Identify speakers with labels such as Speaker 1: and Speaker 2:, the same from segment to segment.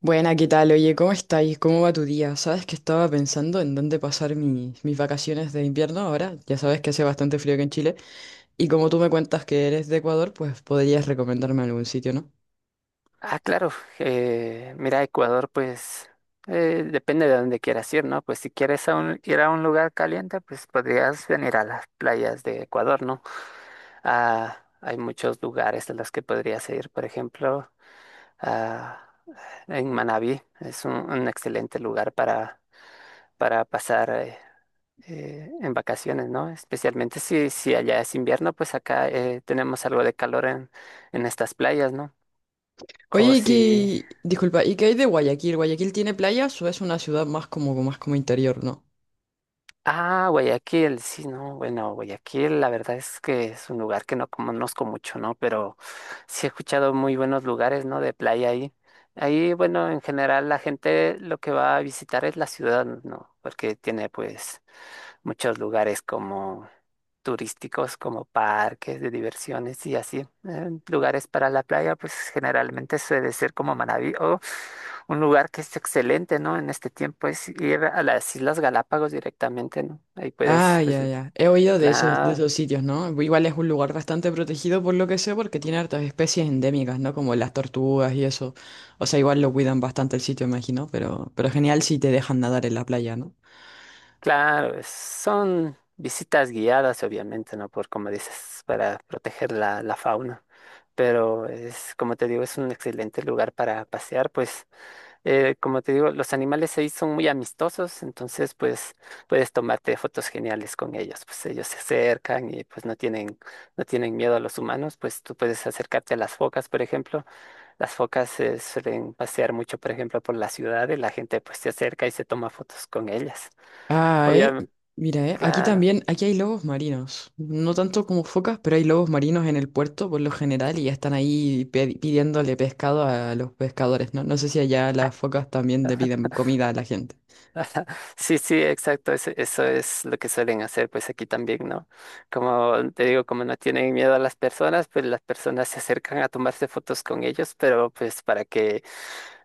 Speaker 1: Buena, ¿qué tal? Oye, ¿cómo estáis? ¿Cómo va tu día? Sabes que estaba pensando en dónde pasar mis vacaciones de invierno ahora. Ya sabes que hace bastante frío aquí en Chile. Y como tú me cuentas que eres de Ecuador, pues podrías recomendarme algún sitio, ¿no?
Speaker 2: Ah, claro. Mira, Ecuador, pues depende de dónde quieras ir, ¿no? Pues si quieres ir a un lugar caliente, pues podrías venir a las playas de Ecuador, ¿no? Ah, hay muchos lugares a los que podrías ir, por ejemplo, ah, en Manabí. Es un excelente lugar para pasar en vacaciones, ¿no? Especialmente si allá es invierno, pues acá tenemos algo de calor en estas playas, ¿no? O
Speaker 1: Oye, ¿y
Speaker 2: si...
Speaker 1: qué... Disculpa, ¿y qué hay de Guayaquil? ¿Guayaquil tiene playas o es una ciudad más como interior, ¿no?
Speaker 2: Ah, Guayaquil, sí, no, bueno, Guayaquil, la verdad es que es un lugar que no conozco mucho, ¿no? Pero sí he escuchado muy buenos lugares, ¿no? De playa ahí. Ahí, bueno, en general la gente lo que va a visitar es la ciudad, ¿no? Porque tiene pues muchos lugares como turísticos, como parques de diversiones y así. Lugares para la playa, pues generalmente suele ser como Manabí o un lugar que es excelente, ¿no? En este tiempo es ir a las Islas Galápagos directamente, ¿no? Ahí puedes,
Speaker 1: Ah,
Speaker 2: pues,
Speaker 1: ya, ya. He oído de
Speaker 2: claro,
Speaker 1: esos sitios, ¿no? Igual es un lugar bastante protegido por lo que sé, porque tiene hartas especies endémicas, ¿no? Como las tortugas y eso. O sea, igual lo cuidan bastante el sitio, imagino, pero genial si te dejan nadar en la playa, ¿no?
Speaker 2: claro, son visitas guiadas, obviamente, ¿no? Por, como dices, para proteger la fauna. Pero es, como te digo, es un excelente lugar para pasear, pues. Como te digo, los animales ahí son muy amistosos, entonces pues puedes tomarte fotos geniales con ellos, pues ellos se acercan y pues no tienen, no tienen miedo a los humanos, pues tú puedes acercarte a las focas, por ejemplo, las focas se suelen pasear mucho, por ejemplo, por la ciudad y la gente pues se acerca y se toma fotos con ellas.
Speaker 1: Ah,
Speaker 2: Obviamente,
Speaker 1: Mira, Aquí
Speaker 2: claro.
Speaker 1: también, aquí hay lobos marinos. No tanto como focas, pero hay lobos marinos en el puerto por lo general y ya están ahí pidiéndole pescado a los pescadores, ¿no? No sé si allá las focas también le piden comida a la gente.
Speaker 2: Ajá. Sí, sí, exacto, eso es lo que suelen hacer, pues aquí también, ¿no? Como te digo, como no tienen miedo a las personas, pues las personas se acercan a tomarse fotos con ellos, pero pues para que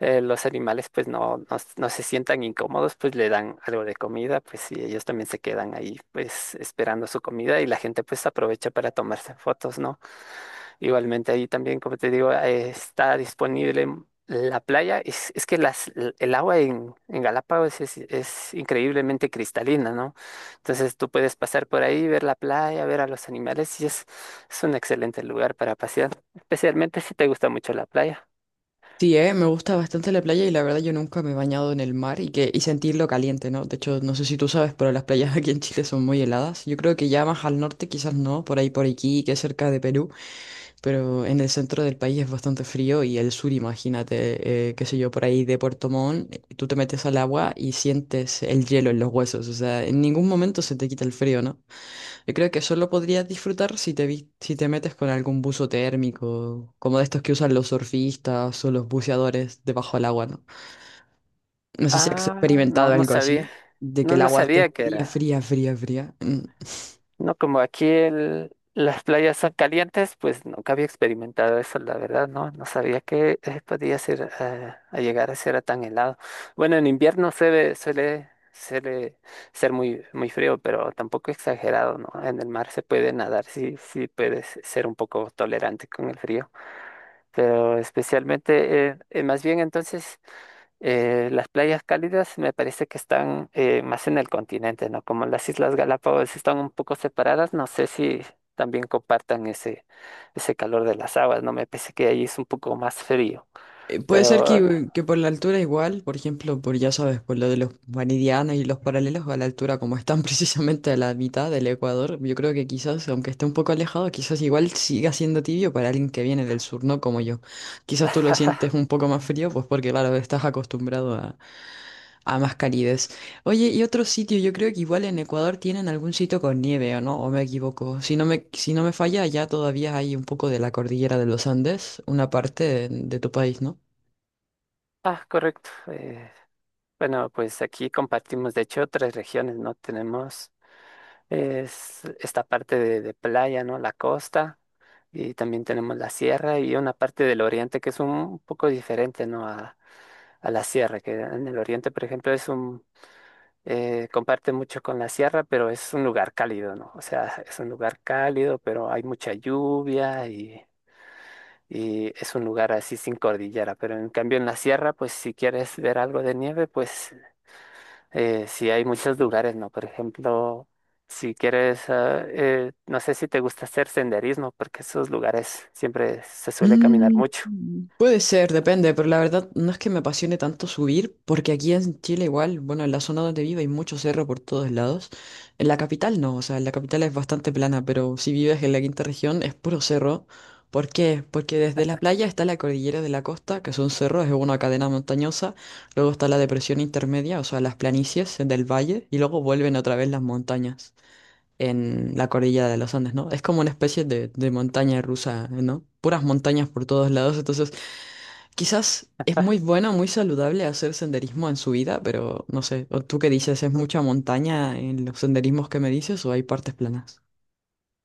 Speaker 2: los animales pues no, no, no se sientan incómodos, pues le dan algo de comida, pues y ellos también se quedan ahí pues esperando su comida y la gente pues aprovecha para tomarse fotos, ¿no? Igualmente ahí también, como te digo, está disponible la playa. Es que el agua en Galápagos es increíblemente cristalina, ¿no? Entonces tú puedes pasar por ahí, ver la playa, ver a los animales y es un excelente lugar para pasear, especialmente si te gusta mucho la playa.
Speaker 1: Sí, me gusta bastante la playa y la verdad yo nunca me he bañado en el mar y que y sentirlo caliente, ¿no? De hecho, no sé si tú sabes, pero las playas aquí en Chile son muy heladas. Yo creo que ya más al norte quizás no, por ahí por aquí, que es cerca de Perú, pero en el centro del país es bastante frío y el sur, imagínate, qué sé yo, por ahí de Puerto Montt, tú te metes al agua y sientes el hielo en los huesos, o sea, en ningún momento se te quita el frío, ¿no? Yo creo que solo podrías disfrutar si si te metes con algún buzo térmico, como de estos que usan los surfistas o los buceadores debajo del agua, ¿no? No sé si has
Speaker 2: Ah, no,
Speaker 1: experimentado
Speaker 2: no
Speaker 1: algo
Speaker 2: sabía.
Speaker 1: así, de que
Speaker 2: No,
Speaker 1: el
Speaker 2: no
Speaker 1: agua
Speaker 2: sabía
Speaker 1: esté
Speaker 2: que
Speaker 1: fría,
Speaker 2: era.
Speaker 1: fría, fría, fría. Mm.
Speaker 2: No, como aquí las playas son calientes, pues nunca había experimentado eso, la verdad, ¿no? No sabía que podía ser, a llegar a ser tan helado. Bueno, en invierno suele, suele ser muy, muy frío, pero tampoco exagerado, ¿no? En el mar se puede nadar, sí, sí puedes ser un poco tolerante con el frío, pero especialmente, más bien entonces... las playas cálidas me parece que están más en el continente, ¿no? Como las Islas Galápagos están un poco separadas, no sé si también compartan ese, ese calor de las aguas, ¿no? Me parece que ahí es un poco más frío,
Speaker 1: Puede ser
Speaker 2: pero...
Speaker 1: que por la altura igual, por ejemplo, por ya sabes, por lo de los meridianos y los paralelos a la altura, como están precisamente a la mitad del Ecuador, yo creo que quizás, aunque esté un poco alejado, quizás igual siga siendo tibio para alguien que viene del sur, no como yo. Quizás tú lo sientes un poco más frío, pues porque claro, a más calidez. Oye, y otro sitio, yo creo que igual en Ecuador tienen algún sitio con nieve, ¿o no? ¿O me equivoco? Si si no me falla, allá todavía hay un poco de la cordillera de los Andes, una parte de tu país, ¿no?
Speaker 2: Ah, correcto. Bueno, pues aquí compartimos, de hecho, tres regiones, ¿no? Tenemos esta parte de playa, ¿no? La costa, y también tenemos la sierra y una parte del oriente que es un poco diferente, ¿no? A la sierra, que en el oriente, por ejemplo, comparte mucho con la sierra, pero es un lugar cálido, ¿no? O sea, es un lugar cálido, pero hay mucha lluvia y es un lugar así sin cordillera. Pero en cambio en la sierra, pues si quieres ver algo de nieve, pues sí hay muchos lugares, ¿no? Por ejemplo, si quieres, no sé si te gusta hacer senderismo, porque esos lugares siempre se suele caminar
Speaker 1: Mm,
Speaker 2: mucho.
Speaker 1: puede ser, depende, pero la verdad no es que me apasione tanto subir, porque aquí en Chile igual, bueno, en la zona donde vivo hay mucho cerro por todos lados. En la capital no, o sea, en la capital es bastante plana, pero si vives en la quinta región es puro cerro. ¿Por qué? Porque desde la playa está la cordillera de la costa, que son cerros, es una cadena montañosa, luego está la depresión intermedia, o sea, las planicies del valle, y luego vuelven otra vez las montañas en la cordillera de los Andes, ¿no? Es como una especie de montaña rusa, ¿no? Puras montañas por todos lados, entonces quizás es muy bueno, muy saludable hacer senderismo en su vida, pero no sé, ¿o tú qué dices? ¿Es mucha montaña en los senderismos que me dices o hay partes planas?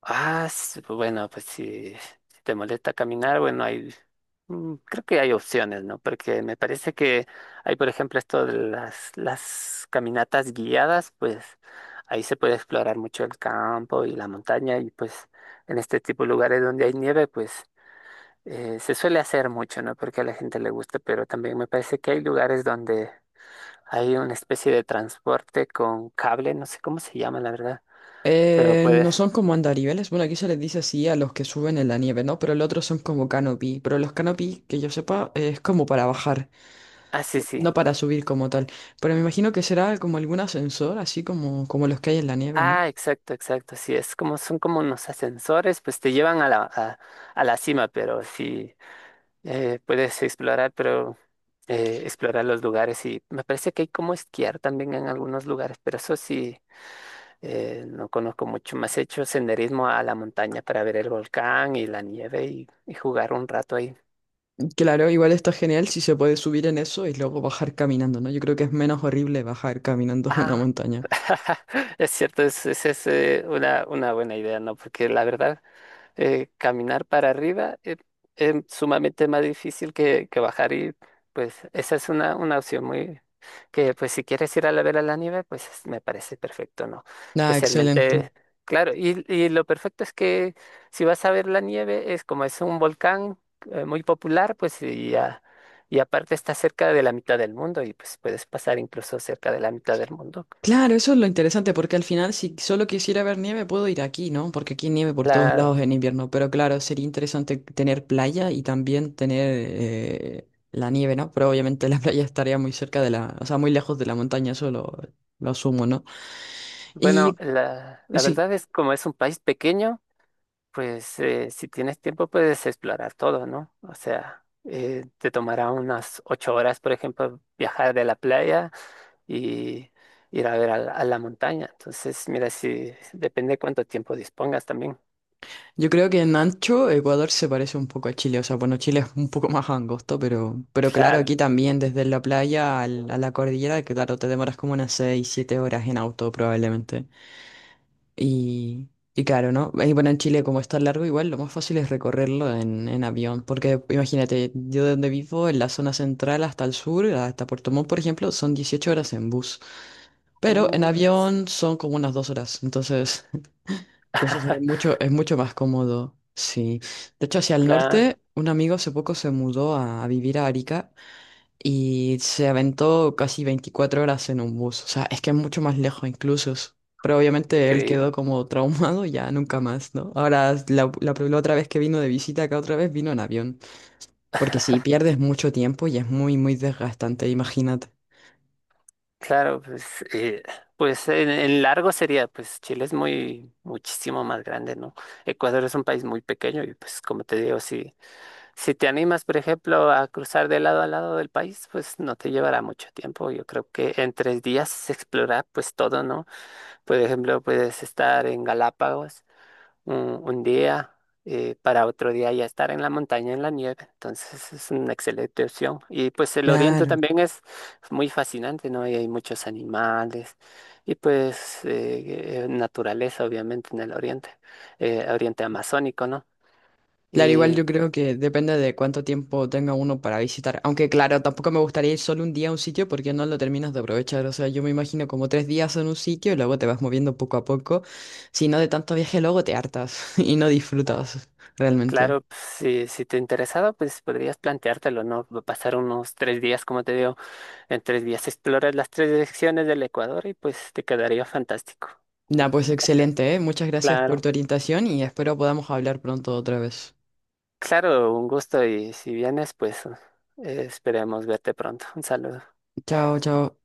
Speaker 2: Ah, pues bueno, pues si, si te molesta caminar, bueno, hay, mm, creo que hay opciones, ¿no? Porque me parece que hay, por ejemplo, esto de las caminatas guiadas, pues ahí se puede explorar mucho el campo y la montaña y pues en este tipo de lugares donde hay nieve, pues se suele hacer mucho, ¿no? Porque a la gente le gusta, pero también me parece que hay lugares donde hay una especie de transporte con cable, no sé cómo se llama, la verdad, pero puedes...
Speaker 1: No son como andariveles, bueno, aquí se les dice así a los que suben en la nieve, ¿no? Pero el otro son como canopy, pero los canopy, que yo sepa, es como para bajar,
Speaker 2: Ah, sí, sí.
Speaker 1: no para subir como tal. Pero me imagino que será como algún ascensor, así como, como los que hay en la nieve, ¿no?
Speaker 2: Ah, exacto, exacto. Sí, es como son como unos ascensores, pues te llevan a la cima, pero sí puedes explorar, pero explorar los lugares y me parece que hay como esquiar también en algunos lugares, pero eso sí no conozco mucho. Más he hecho senderismo a la montaña para ver el volcán y la nieve y jugar un rato ahí.
Speaker 1: Claro, igual está genial si se puede subir en eso y luego bajar caminando, ¿no? Yo creo que es menos horrible bajar caminando una
Speaker 2: Ah,
Speaker 1: montaña.
Speaker 2: es cierto, una buena idea, ¿no? Porque la verdad caminar para arriba es sumamente más difícil que bajar y pues esa es una opción muy que pues si quieres ir a la ver a la nieve pues me parece perfecto, ¿no?
Speaker 1: Ah, excelente.
Speaker 2: Especialmente, claro, y lo perfecto es que si vas a ver la nieve es como es un volcán muy popular pues y aparte está cerca de la mitad del mundo y pues puedes pasar incluso cerca de la mitad del mundo.
Speaker 1: Claro, eso es lo interesante, porque al final si solo quisiera ver nieve puedo ir aquí, ¿no? Porque aquí hay nieve por todos
Speaker 2: La,
Speaker 1: lados en invierno, pero claro, sería interesante tener playa y también tener la nieve, ¿no? Pero obviamente la playa estaría muy cerca de o sea, muy lejos de la montaña, lo asumo, ¿no?
Speaker 2: bueno,
Speaker 1: Y
Speaker 2: la
Speaker 1: sí.
Speaker 2: verdad es como es un país pequeño. Pues si tienes tiempo puedes explorar todo, ¿no? O sea, te tomará unas 8 horas, por ejemplo, viajar de la playa y ir a ver a a la montaña. Entonces, mira, si depende cuánto tiempo dispongas también.
Speaker 1: Yo creo que en ancho Ecuador se parece un poco a Chile, o sea, bueno, Chile es un poco más angosto, pero claro,
Speaker 2: Claro.
Speaker 1: aquí también desde la playa a la cordillera, que claro, te demoras como unas 6, 7 horas en auto probablemente. Y, y claro, ¿no? Y bueno, en Chile como está largo, igual lo más fácil es recorrerlo en avión, porque imagínate, yo de donde vivo, en la zona central hasta el sur, hasta Puerto Montt, por ejemplo, son 18 horas en bus, pero en
Speaker 2: Uh, es-
Speaker 1: avión son como unas 2 horas, entonces... Entonces es mucho más cómodo, sí. De hecho, hacia el
Speaker 2: Claro,
Speaker 1: norte, un amigo hace poco se mudó a vivir a Arica y se aventó casi 24 horas en un bus. O sea, es que es mucho más lejos incluso. Pero obviamente él quedó
Speaker 2: increíble.
Speaker 1: como traumado y ya nunca más, ¿no? Ahora, la otra vez que vino de visita acá, otra vez vino en avión. Porque si pierdes mucho tiempo y es muy, muy desgastante, imagínate.
Speaker 2: Claro, pues, eh, pues en largo sería, pues Chile es muy, muchísimo más grande, ¿no? Ecuador es un país muy pequeño y pues como te digo, sí. Si te animas, por ejemplo, a cruzar de lado a lado del país, pues no te llevará mucho tiempo. Yo creo que en 3 días se explora pues todo, ¿no? Por ejemplo, puedes estar en Galápagos un, un día, para otro día ya estar en la montaña, en la nieve. Entonces es una excelente opción. Y pues el oriente
Speaker 1: Claro.
Speaker 2: también es muy fascinante, ¿no? Y hay muchos animales y pues naturaleza, obviamente, en el oriente, oriente amazónico, ¿no?
Speaker 1: Claro, igual
Speaker 2: Y
Speaker 1: yo creo que depende de cuánto tiempo tenga uno para visitar. Aunque claro, tampoco me gustaría ir solo un día a un sitio porque no lo terminas de aprovechar. O sea, yo me imagino como tres días en un sitio y luego te vas moviendo poco a poco. Si no de tanto viaje, luego te hartas y no disfrutas realmente.
Speaker 2: claro, pues, si, si te interesaba, pues podrías planteártelo, ¿no? Va a pasar unos 3 días, como te digo, en 3 días exploras las tres direcciones del Ecuador y pues te quedaría fantástico,
Speaker 1: Nah,
Speaker 2: ¿no?
Speaker 1: pues
Speaker 2: O sea,
Speaker 1: excelente, ¿eh? Muchas gracias por
Speaker 2: claro,
Speaker 1: tu orientación y espero podamos hablar pronto otra vez.
Speaker 2: claro, un gusto y si vienes, pues esperemos verte pronto. Un saludo.
Speaker 1: Chao, chao.